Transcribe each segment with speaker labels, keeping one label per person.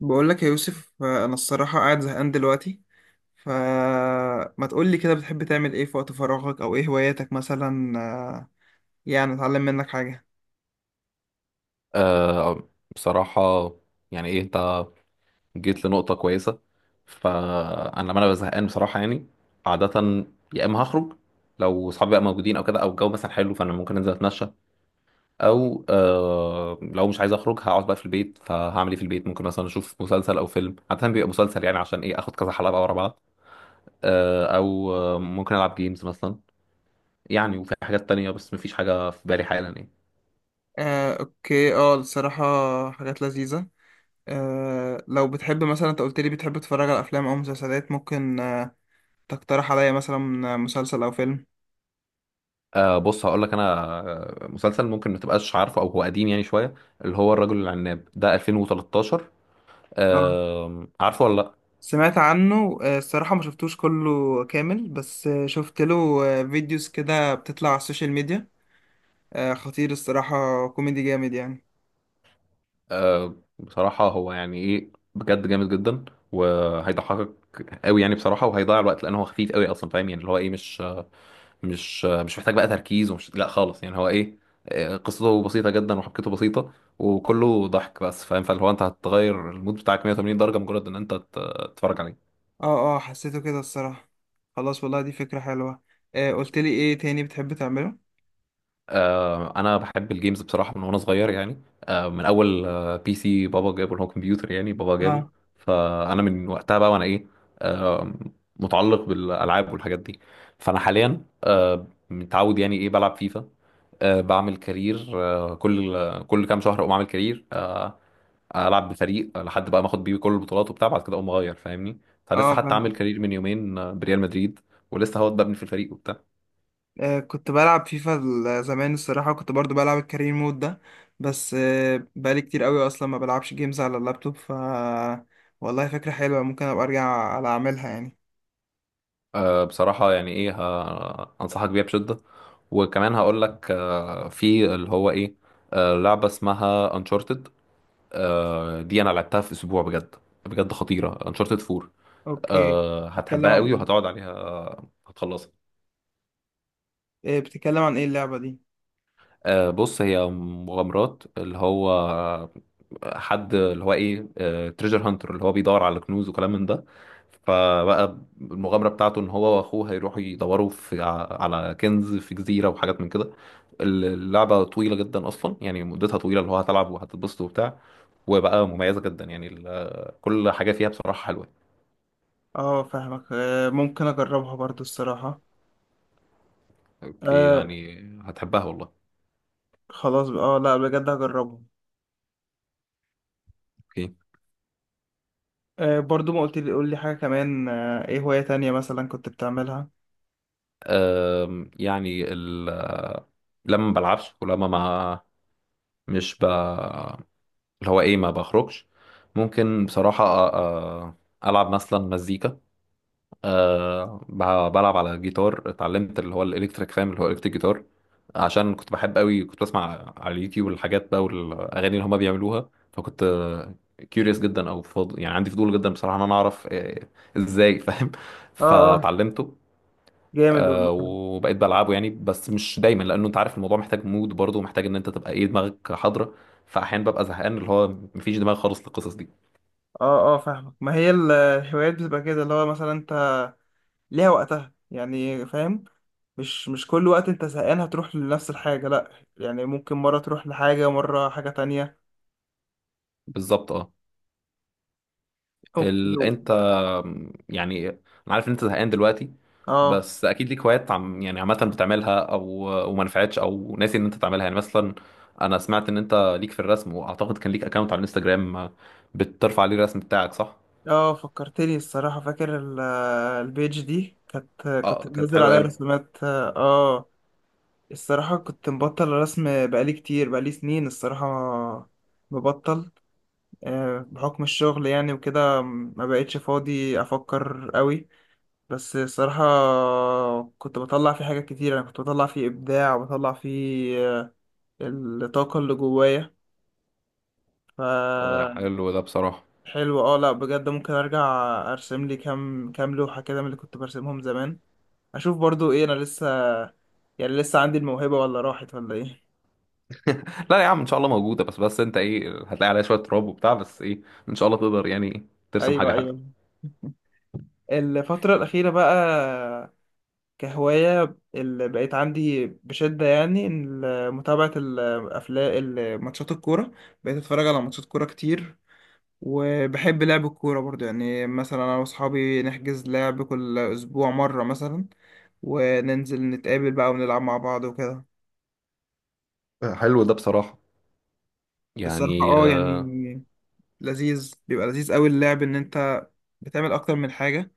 Speaker 1: بقول لك يا يوسف، انا الصراحه قاعد زهقان دلوقتي. فما تقول لي كده، بتحب تعمل ايه في وقت فراغك؟ او ايه هواياتك مثلا؟ يعني اتعلم منك حاجه.
Speaker 2: آه بصراحة، يعني ايه انت جيت لنقطة كويسة. فأنا لما أنا ببقى زهقان بصراحة يعني، عادة يا إما هخرج لو صحابي بقى موجودين أو كده، أو الجو مثلا حلو فأنا ممكن أنزل أتمشى، أو آه لو مش عايز أخرج هقعد بقى في البيت، فهعمل إيه في البيت؟ ممكن مثلا أشوف مسلسل أو فيلم، عادة بيبقى مسلسل يعني عشان إيه آخد كذا حلقة بقى ورا بعض. آه أو ممكن ألعب جيمز مثلا يعني، وفي حاجات تانية بس مفيش حاجة في بالي حالا يعني.
Speaker 1: اوكي. اه الصراحه، حاجات لذيذه. لو بتحب، مثلا انت قلت لي بتحب تتفرج على افلام او مسلسلات، ممكن تقترح عليا مثلا مسلسل او فيلم؟
Speaker 2: آه بص هقول لك انا، مسلسل ممكن ما تبقاش عارفه او هو قديم يعني شويه، اللي هو الرجل العناب ده 2013،
Speaker 1: اه،
Speaker 2: آه عارفه ولا لا؟
Speaker 1: سمعت عنه. الصراحه ما شفتوش كله كامل، بس شفت له فيديوز كده بتطلع على السوشيال ميديا. خطير الصراحة، كوميدي جامد يعني.
Speaker 2: آه بصراحه هو يعني ايه بجد جامد جدا، وهيضحكك قوي يعني بصراحه، وهيضيع الوقت لان هو خفيف قوي اصلا، فاهم؟ يعني اللي هو ايه، مش مش محتاج بقى تركيز، ومش لا خالص يعني هو ايه، قصته بسيطه جدا وحبكته بسيطه وكله ضحك بس، فاهم؟ فاللي هو انت هتغير المود بتاعك 180 درجه مجرد ان انت تتفرج عليه.
Speaker 1: اه، اه، حسيته كده الصراحة. خلاص والله، دي فكرة حلوة. قلت لي ايه تاني بتحب تعمله؟
Speaker 2: انا بحب الجيمز بصراحه من وانا صغير يعني، من اول بي سي بابا جابه، اللي هو كمبيوتر يعني بابا جابه.
Speaker 1: اه،
Speaker 2: فانا من وقتها بقى وانا ايه، آه، متعلق بالالعاب والحاجات دي. فانا حاليا متعود يعني ايه بلعب فيفا، بعمل كارير، كل كام شهر اقوم اعمل كارير، العب بفريق لحد بقى ما اخد بيه كل البطولات وبتاع، بعد كده اقوم اغير فاهمني. فلسه
Speaker 1: اه،
Speaker 2: حتى عامل
Speaker 1: فاهم.
Speaker 2: كارير من يومين بريال مدريد، ولسه هو ببني في الفريق وبتاع.
Speaker 1: كنت بلعب فيفا زمان الصراحة، كنت برضو بلعب الكارير مود ده. بس بقالي كتير قوي اصلا ما بلعبش جيمز على اللابتوب. والله فكرة حلوة، ممكن ابقى ارجع على اعملها يعني.
Speaker 2: أه بصراحة يعني ايه انصحك بيها بشدة، وكمان هقول لك أه في اللي هو ايه، أه لعبة اسمها انشارتد، أه دي انا لعبتها في اسبوع بجد، بجد خطيرة، انشارتد 4.
Speaker 1: اوكي.
Speaker 2: أه
Speaker 1: بتتكلم
Speaker 2: هتحبها قوي
Speaker 1: عن
Speaker 2: وهتقعد عليها هتخلصها.
Speaker 1: بتتكلم عن ايه اللعبة دي؟
Speaker 2: أه بص هي مغامرات اللي هو حد اللي هو ايه، تريجر هانتر اللي هو بيدور على كنوز وكلام من ده. فبقى المغامرة بتاعته ان هو واخوه هيروحوا يدوروا في على كنز في جزيرة وحاجات من كده. اللعبة طويلة جدا اصلا يعني مدتها طويلة، اللي هو هتلعب وهتتبسط وبتاع، وبقى مميزة جدا يعني كل حاجة فيها بصراحة حلوة.
Speaker 1: اه، فاهمك. ممكن اجربها برضو الصراحة.
Speaker 2: اوكي
Speaker 1: آه
Speaker 2: يعني هتحبها والله.
Speaker 1: خلاص. اه لا، بجد هجربها.
Speaker 2: اوكي.
Speaker 1: برضو ما قلت لي، قول لي حاجة كمان. ايه هواية تانية مثلا كنت بتعملها؟
Speaker 2: يعني لما ما بلعبش ولما ما مش ب اللي هو ايه ما بخرجش، ممكن بصراحة ألعب مثلا مزيكا. أه بلعب على جيتار، اتعلمت اللي هو الإلكتريك، فاهم اللي هو إلكتريك جيتار. عشان كنت بحب قوي، كنت بسمع على اليوتيوب الحاجات بقى والأغاني اللي هما بيعملوها، فكنت كيوريوس جدا أو يعني عندي فضول جدا بصراحة إن أنا أعرف إزاي، فاهم؟
Speaker 1: اه، اه،
Speaker 2: فاتعلمته.
Speaker 1: جامد والله.
Speaker 2: وبقيت بلعبه يعني، بس مش دايما لانه انت عارف الموضوع محتاج مود برضه، ومحتاج ان انت تبقى ايه دماغك حاضره. فاحيانا ببقى زهقان اللي هو مفيش دماغ خالص للقصص دي.
Speaker 1: اه، اه، فاهمك. ما هي الهوايات بتبقى كده، اللي هو مثلا انت ليها وقتها يعني، فاهم؟ مش كل وقت انت زهقان هتروح لنفس الحاجة، لا. يعني ممكن مرة تروح لحاجة، مرة حاجة تانية.
Speaker 2: بالظبط اه.
Speaker 1: اوكي.
Speaker 2: انت يعني انا عارف ان انت زهقان دلوقتي،
Speaker 1: اه،
Speaker 2: بس اكيد ليك هوايات عم يعني عامه بتعملها، او وما نفعتش او ناسي ان انت تعملها يعني. مثلا انا سمعت ان انت ليك في الرسم، واعتقد كان ليك اكونت على الانستجرام بترفع عليه الرسم بتاعك، صح؟
Speaker 1: اه، فكرتني الصراحة. فاكر البيج دي، كنت
Speaker 2: اه كانت
Speaker 1: منزل
Speaker 2: حلوه
Speaker 1: عليها
Speaker 2: قوي.
Speaker 1: رسومات الصراحة كنت مبطل رسم بقالي كتير، بقالي سنين الصراحة مبطل. بحكم الشغل يعني وكده ما بقتش فاضي أفكر قوي. بس الصراحة كنت بطلع فيه حاجات كتير، أنا كنت بطلع فيه إبداع وبطلع فيه الطاقة اللي جوايا. فحلو.
Speaker 2: حلو ده بصراحه.
Speaker 1: اه، لأ بجد ممكن أرجع أرسم لي كام كام لوحة كده، من اللي كنت برسمهم زمان. أشوف برضو إيه، أنا لسه، يعني لسه عندي الموهبة ولا راحت، ولا إيه؟
Speaker 2: لا يا عم ان شاء الله موجوده، بس بس انت ايه هتلاقي عليها شويه تراب وبتاع، بس ايه ان شاء الله تقدر يعني ترسم
Speaker 1: أيوه،
Speaker 2: حاجه حلوه.
Speaker 1: أيوه، الفترة الأخيرة بقى، كهواية اللي بقيت عندي بشدة يعني، متابعة الأفلام، ماتشات الكورة. بقيت أتفرج على ماتشات كورة كتير. وبحب لعب الكورة برضو يعني. مثلا أنا وأصحابي نحجز لعب كل أسبوع مرة مثلا، وننزل نتقابل بقى ونلعب مع بعض وكده.
Speaker 2: حلو ده بصراحه
Speaker 1: الصراحة
Speaker 2: يعني
Speaker 1: اه يعني، لذيذ، بيبقى لذيذ أوي اللعب، إن أنت بتعمل أكتر من حاجة.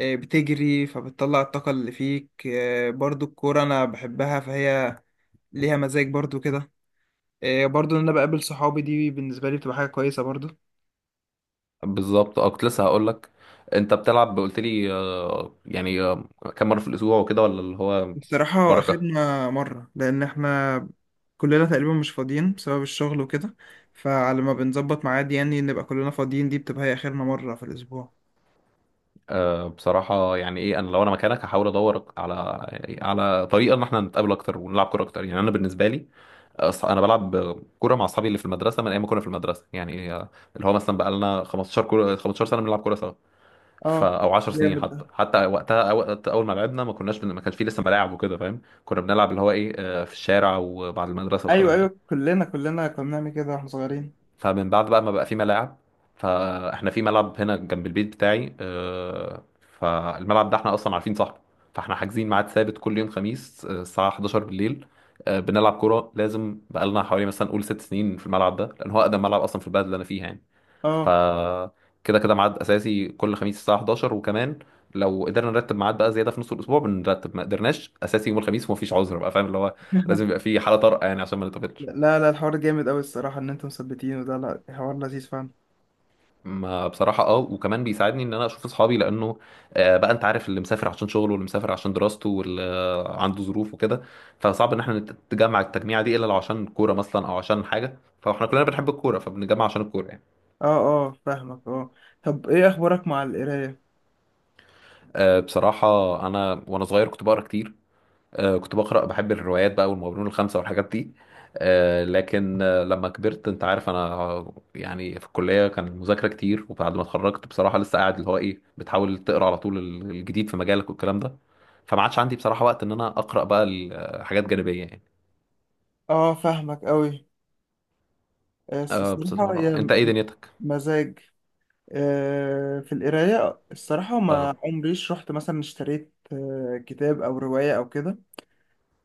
Speaker 1: بتجري فبتطلع الطاقة اللي فيك. برضو الكورة أنا بحبها، فهي ليها مزاج برضو كده. برضو إن أنا بقابل صحابي دي بالنسبة لي بتبقى حاجة كويسة برضو.
Speaker 2: بالظبط اه. كنت لسه هقول لك، انت بتلعب قلت لي يعني كم مره في الاسبوع وكده ولا اللي هو؟
Speaker 1: بصراحة
Speaker 2: بركه.
Speaker 1: أخدنا مرة لأن إحنا كلنا تقريبا مش فاضيين بسبب الشغل وكده. فعلى ما بنظبط ميعاد يعني نبقى كلنا فاضيين، دي بتبقى هي آخرنا مرة في الأسبوع.
Speaker 2: بصراحه يعني ايه انا لو انا مكانك هحاول ادور على على طريقه ان احنا نتقابل اكتر ونلعب كوره اكتر يعني. انا بالنسبه لي انا بلعب كوره مع اصحابي اللي في المدرسه من ايام ما كنا في المدرسه يعني، اللي هو مثلا بقى لنا 15 كوره 15 سنه بنلعب كوره سوا،
Speaker 1: اه
Speaker 2: ف او 10 سنين
Speaker 1: جامد ده.
Speaker 2: حتى، حتى وقتها وقت اول ما لعبنا ما كناش ما كانش فيه لسه ملاعب وكده، فاهم؟ كنا بنلعب اللي هو ايه في الشارع وبعد المدرسه
Speaker 1: أيوه،
Speaker 2: والكلام ده.
Speaker 1: أيوه، كلنا، كلنا كنا بنعمل كده واحنا صغيرين.
Speaker 2: فمن بعد بقى ما بقى في ملاعب، فاحنا في ملعب هنا جنب البيت بتاعي، فالملعب ده احنا اصلا عارفين صاحبه، فاحنا حاجزين ميعاد ثابت كل يوم خميس الساعه 11 بالليل، بنلعب كوره. لازم بقالنا حوالي مثلا قول 6 سنين في الملعب ده، لان هو اقدم ملعب اصلا في البلد اللي انا فيها يعني. ف
Speaker 1: اه
Speaker 2: كده كده ميعاد اساسي كل خميس الساعه 11، وكمان لو قدرنا نرتب ميعاد بقى زياده في نص الاسبوع بنرتب، ما قدرناش اساسي يوم الخميس ومفيش عذر بقى، فاهم اللي هو لازم يبقى في حاله طارئه يعني عشان ما نتقابلش.
Speaker 1: لا، لا، الحوار جامد أوي الصراحة إن أنتم مثبتين. وده لا، حوار لذيذ فعلا.
Speaker 2: ما بصراحة اه، وكمان بيساعدني ان انا اشوف اصحابي لانه بقى انت عارف اللي مسافر عشان شغله، واللي مسافر عشان دراسته، واللي عنده ظروف وكده، فصعب ان احنا نتجمع التجميعة دي الا لو عشان كورة مثلا او عشان حاجة، فاحنا كلنا بنحب الكورة فبنتجمع عشان الكورة يعني.
Speaker 1: اه، اه، فاهمك. اه طب ايه اخبارك مع القرايه؟
Speaker 2: بصراحة انا وانا صغير كنت بقرا كتير، كنت بقرأ بحب الروايات بقى والمغامرون الخمسة والحاجات دي. لكن لما كبرت انت عارف انا يعني في الكلية كان مذاكرة كتير، وبعد ما اتخرجت بصراحة لسه قاعد اللي هو ايه بتحاول تقرأ على طول الجديد في مجالك والكلام ده. فما عادش عندي بصراحة وقت ان انا أقرأ بقى حاجات جانبية يعني.
Speaker 1: اه، فاهمك قوي.
Speaker 2: أه
Speaker 1: الصراحه
Speaker 2: بصراحة
Speaker 1: هي
Speaker 2: انت ايه دنيتك؟
Speaker 1: مزاج في القرايه. الصراحه ما
Speaker 2: اه
Speaker 1: عمريش رحت مثلا اشتريت كتاب او روايه او كده.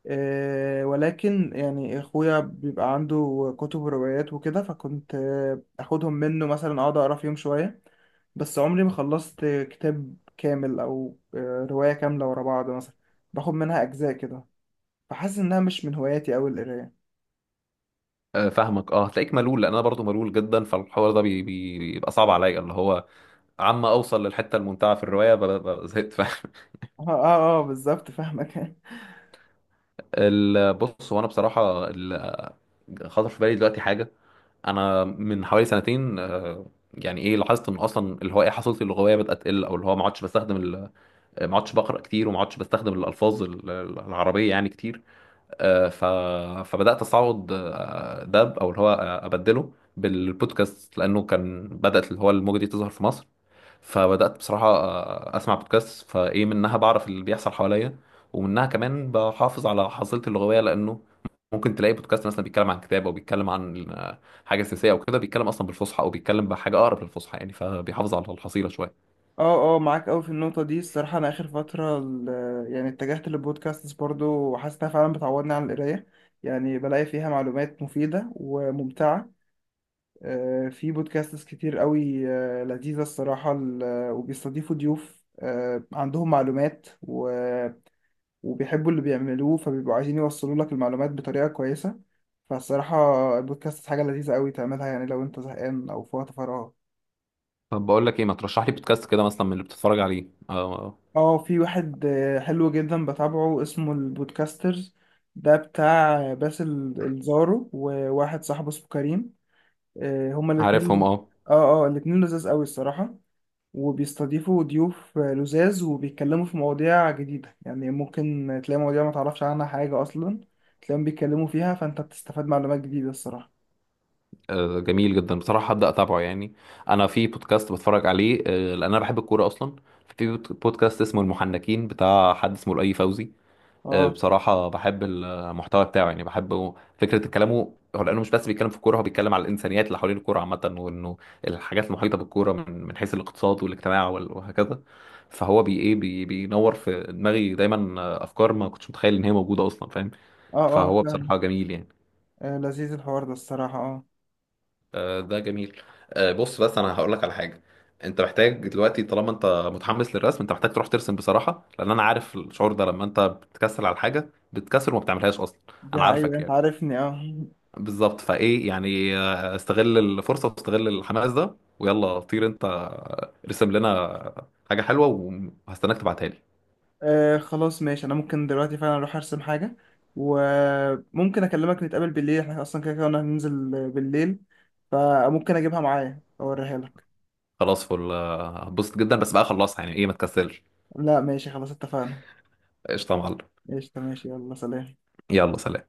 Speaker 1: ولكن يعني اخويا بيبقى عنده كتب وروايات وكده، فكنت اخدهم منه مثلا اقعد اقرا فيهم شويه. بس عمري ما خلصت كتاب كامل او روايه كامله ورا بعض، مثلا باخد منها اجزاء كده. فحاسس انها مش من هواياتي اوي القرايه.
Speaker 2: فاهمك اه، هتلاقيك ملول لان انا برضو ملول جدا، فالحوار ده بيبقى صعب عليا، اللي هو عم اوصل للحته الممتعه في الروايه زهقت، فاهم.
Speaker 1: اه، اه، اه، بالظبط فاهمك.
Speaker 2: بص هو انا بصراحه خطر في بالي دلوقتي حاجه. انا من حوالي سنتين يعني ايه لاحظت ان اصلا اللي هو ايه حصيلتي اللغويه بدات تقل، او اللي هو ما عدتش بستخدم ما عدتش بقرا كتير، وما عدتش بستخدم الالفاظ العربيه يعني كتير. آه، ف... فبدات استعوض ده او اللي هو ابدله بالبودكاست، لانه كان بدات اللي هو الموجه دي تظهر في مصر. فبدات بصراحه اسمع بودكاست، فايه منها بعرف اللي بيحصل حواليا، ومنها كمان بحافظ على حصيلتي اللغويه، لانه ممكن تلاقي بودكاست مثلا بيتكلم عن كتاب او بيتكلم عن حاجه سياسيه او كده، بيتكلم اصلا بالفصحى او بيتكلم بحاجه اقرب للفصحى يعني، فبيحافظ على الحصيله شويه.
Speaker 1: اه، اه، معاك اوي في النقطه دي. الصراحه انا اخر فتره يعني اتجهت للبودكاستس برضو، وحاسس انها فعلا بتعوضني عن القرايه. يعني بلاقي فيها معلومات مفيده وممتعه. في بودكاستس كتير اوي لذيذه الصراحه، وبيستضيفوا ضيوف عندهم معلومات وبيحبوا اللي بيعملوه، فبيبقوا عايزين يوصلوا لك المعلومات بطريقة كويسة. فالصراحة البودكاست حاجة لذيذة قوي تعملها، يعني لو انت زهقان او في وقت فراغ.
Speaker 2: طب بقول لك ايه، ما ترشح لي بودكاست كده مثلا من اللي بتتفرج عليه
Speaker 1: اه، في واحد حلو جدا بتابعه، اسمه البودكاسترز. ده بتاع باسل الزارو وواحد صاحبه اسمه كريم. هما
Speaker 2: عارفهم
Speaker 1: الاتنين.
Speaker 2: اه.
Speaker 1: اه، اه، الاتنين لذاذ قوي الصراحة. وبيستضيفوا ضيوف لزاز، وبيتكلموا في مواضيع جديدة. يعني ممكن تلاقي مواضيع ما تعرفش عنها حاجة أصلا، تلاقيهم بيتكلموا فيها، فأنت بتستفاد معلومات جديدة الصراحة.
Speaker 2: جميل جدا بصراحة، هبدأ أتابعه يعني. أنا في بودكاست بتفرج عليه لأن أنا بحب الكورة أصلا، في بودكاست اسمه المحنكين بتاع حد اسمه الأي فوزي.
Speaker 1: اه،
Speaker 2: بصراحة بحب المحتوى بتاعه يعني، بحب فكرة كلامه هو، لأنه مش بس بيتكلم في الكورة، هو بيتكلم على الإنسانيات اللي حوالين الكورة عامة، وإنه الحاجات المحيطة بالكورة من حيث الاقتصاد والاجتماع وهكذا. فهو بي إيه بي بينور في دماغي دايما أفكار ما كنتش متخيل إن هي موجودة أصلا، فاهم.
Speaker 1: اه، اه،
Speaker 2: فهو
Speaker 1: فاهم.
Speaker 2: بصراحة جميل يعني.
Speaker 1: لذيذ الحوار ده الصراحة اه.
Speaker 2: ده جميل. بص بس انا هقول لك على حاجه، انت محتاج دلوقتي طالما انت متحمس للرسم انت محتاج تروح ترسم بصراحه، لان انا عارف الشعور ده لما انت بتكسل على حاجه بتكسل وما بتعملهاش اصلا.
Speaker 1: دي
Speaker 2: انا
Speaker 1: حقيقة،
Speaker 2: عارفك
Speaker 1: أنت
Speaker 2: يعني،
Speaker 1: عارفني اه.
Speaker 2: بالظبط فايه يعني استغل الفرصه واستغل الحماس ده، ويلا طير انت ارسم لنا حاجه حلوه، وهستناك تبعتها لي.
Speaker 1: خلاص ماشي. أنا ممكن دلوقتي فعلا أروح أرسم حاجة. وممكن أكلمك نتقابل بالليل، احنا أصلا كده كده قلنا هننزل بالليل. فممكن أجيبها معايا أوريها لك.
Speaker 2: خلاص فل هتبسط جدا، بس بقى خلصها يعني ايه ما تكسلش.
Speaker 1: لا ماشي، خلاص اتفقنا.
Speaker 2: قشطه يا معلم،
Speaker 1: قشطة ماشي، يلا سلام.
Speaker 2: يلا سلام.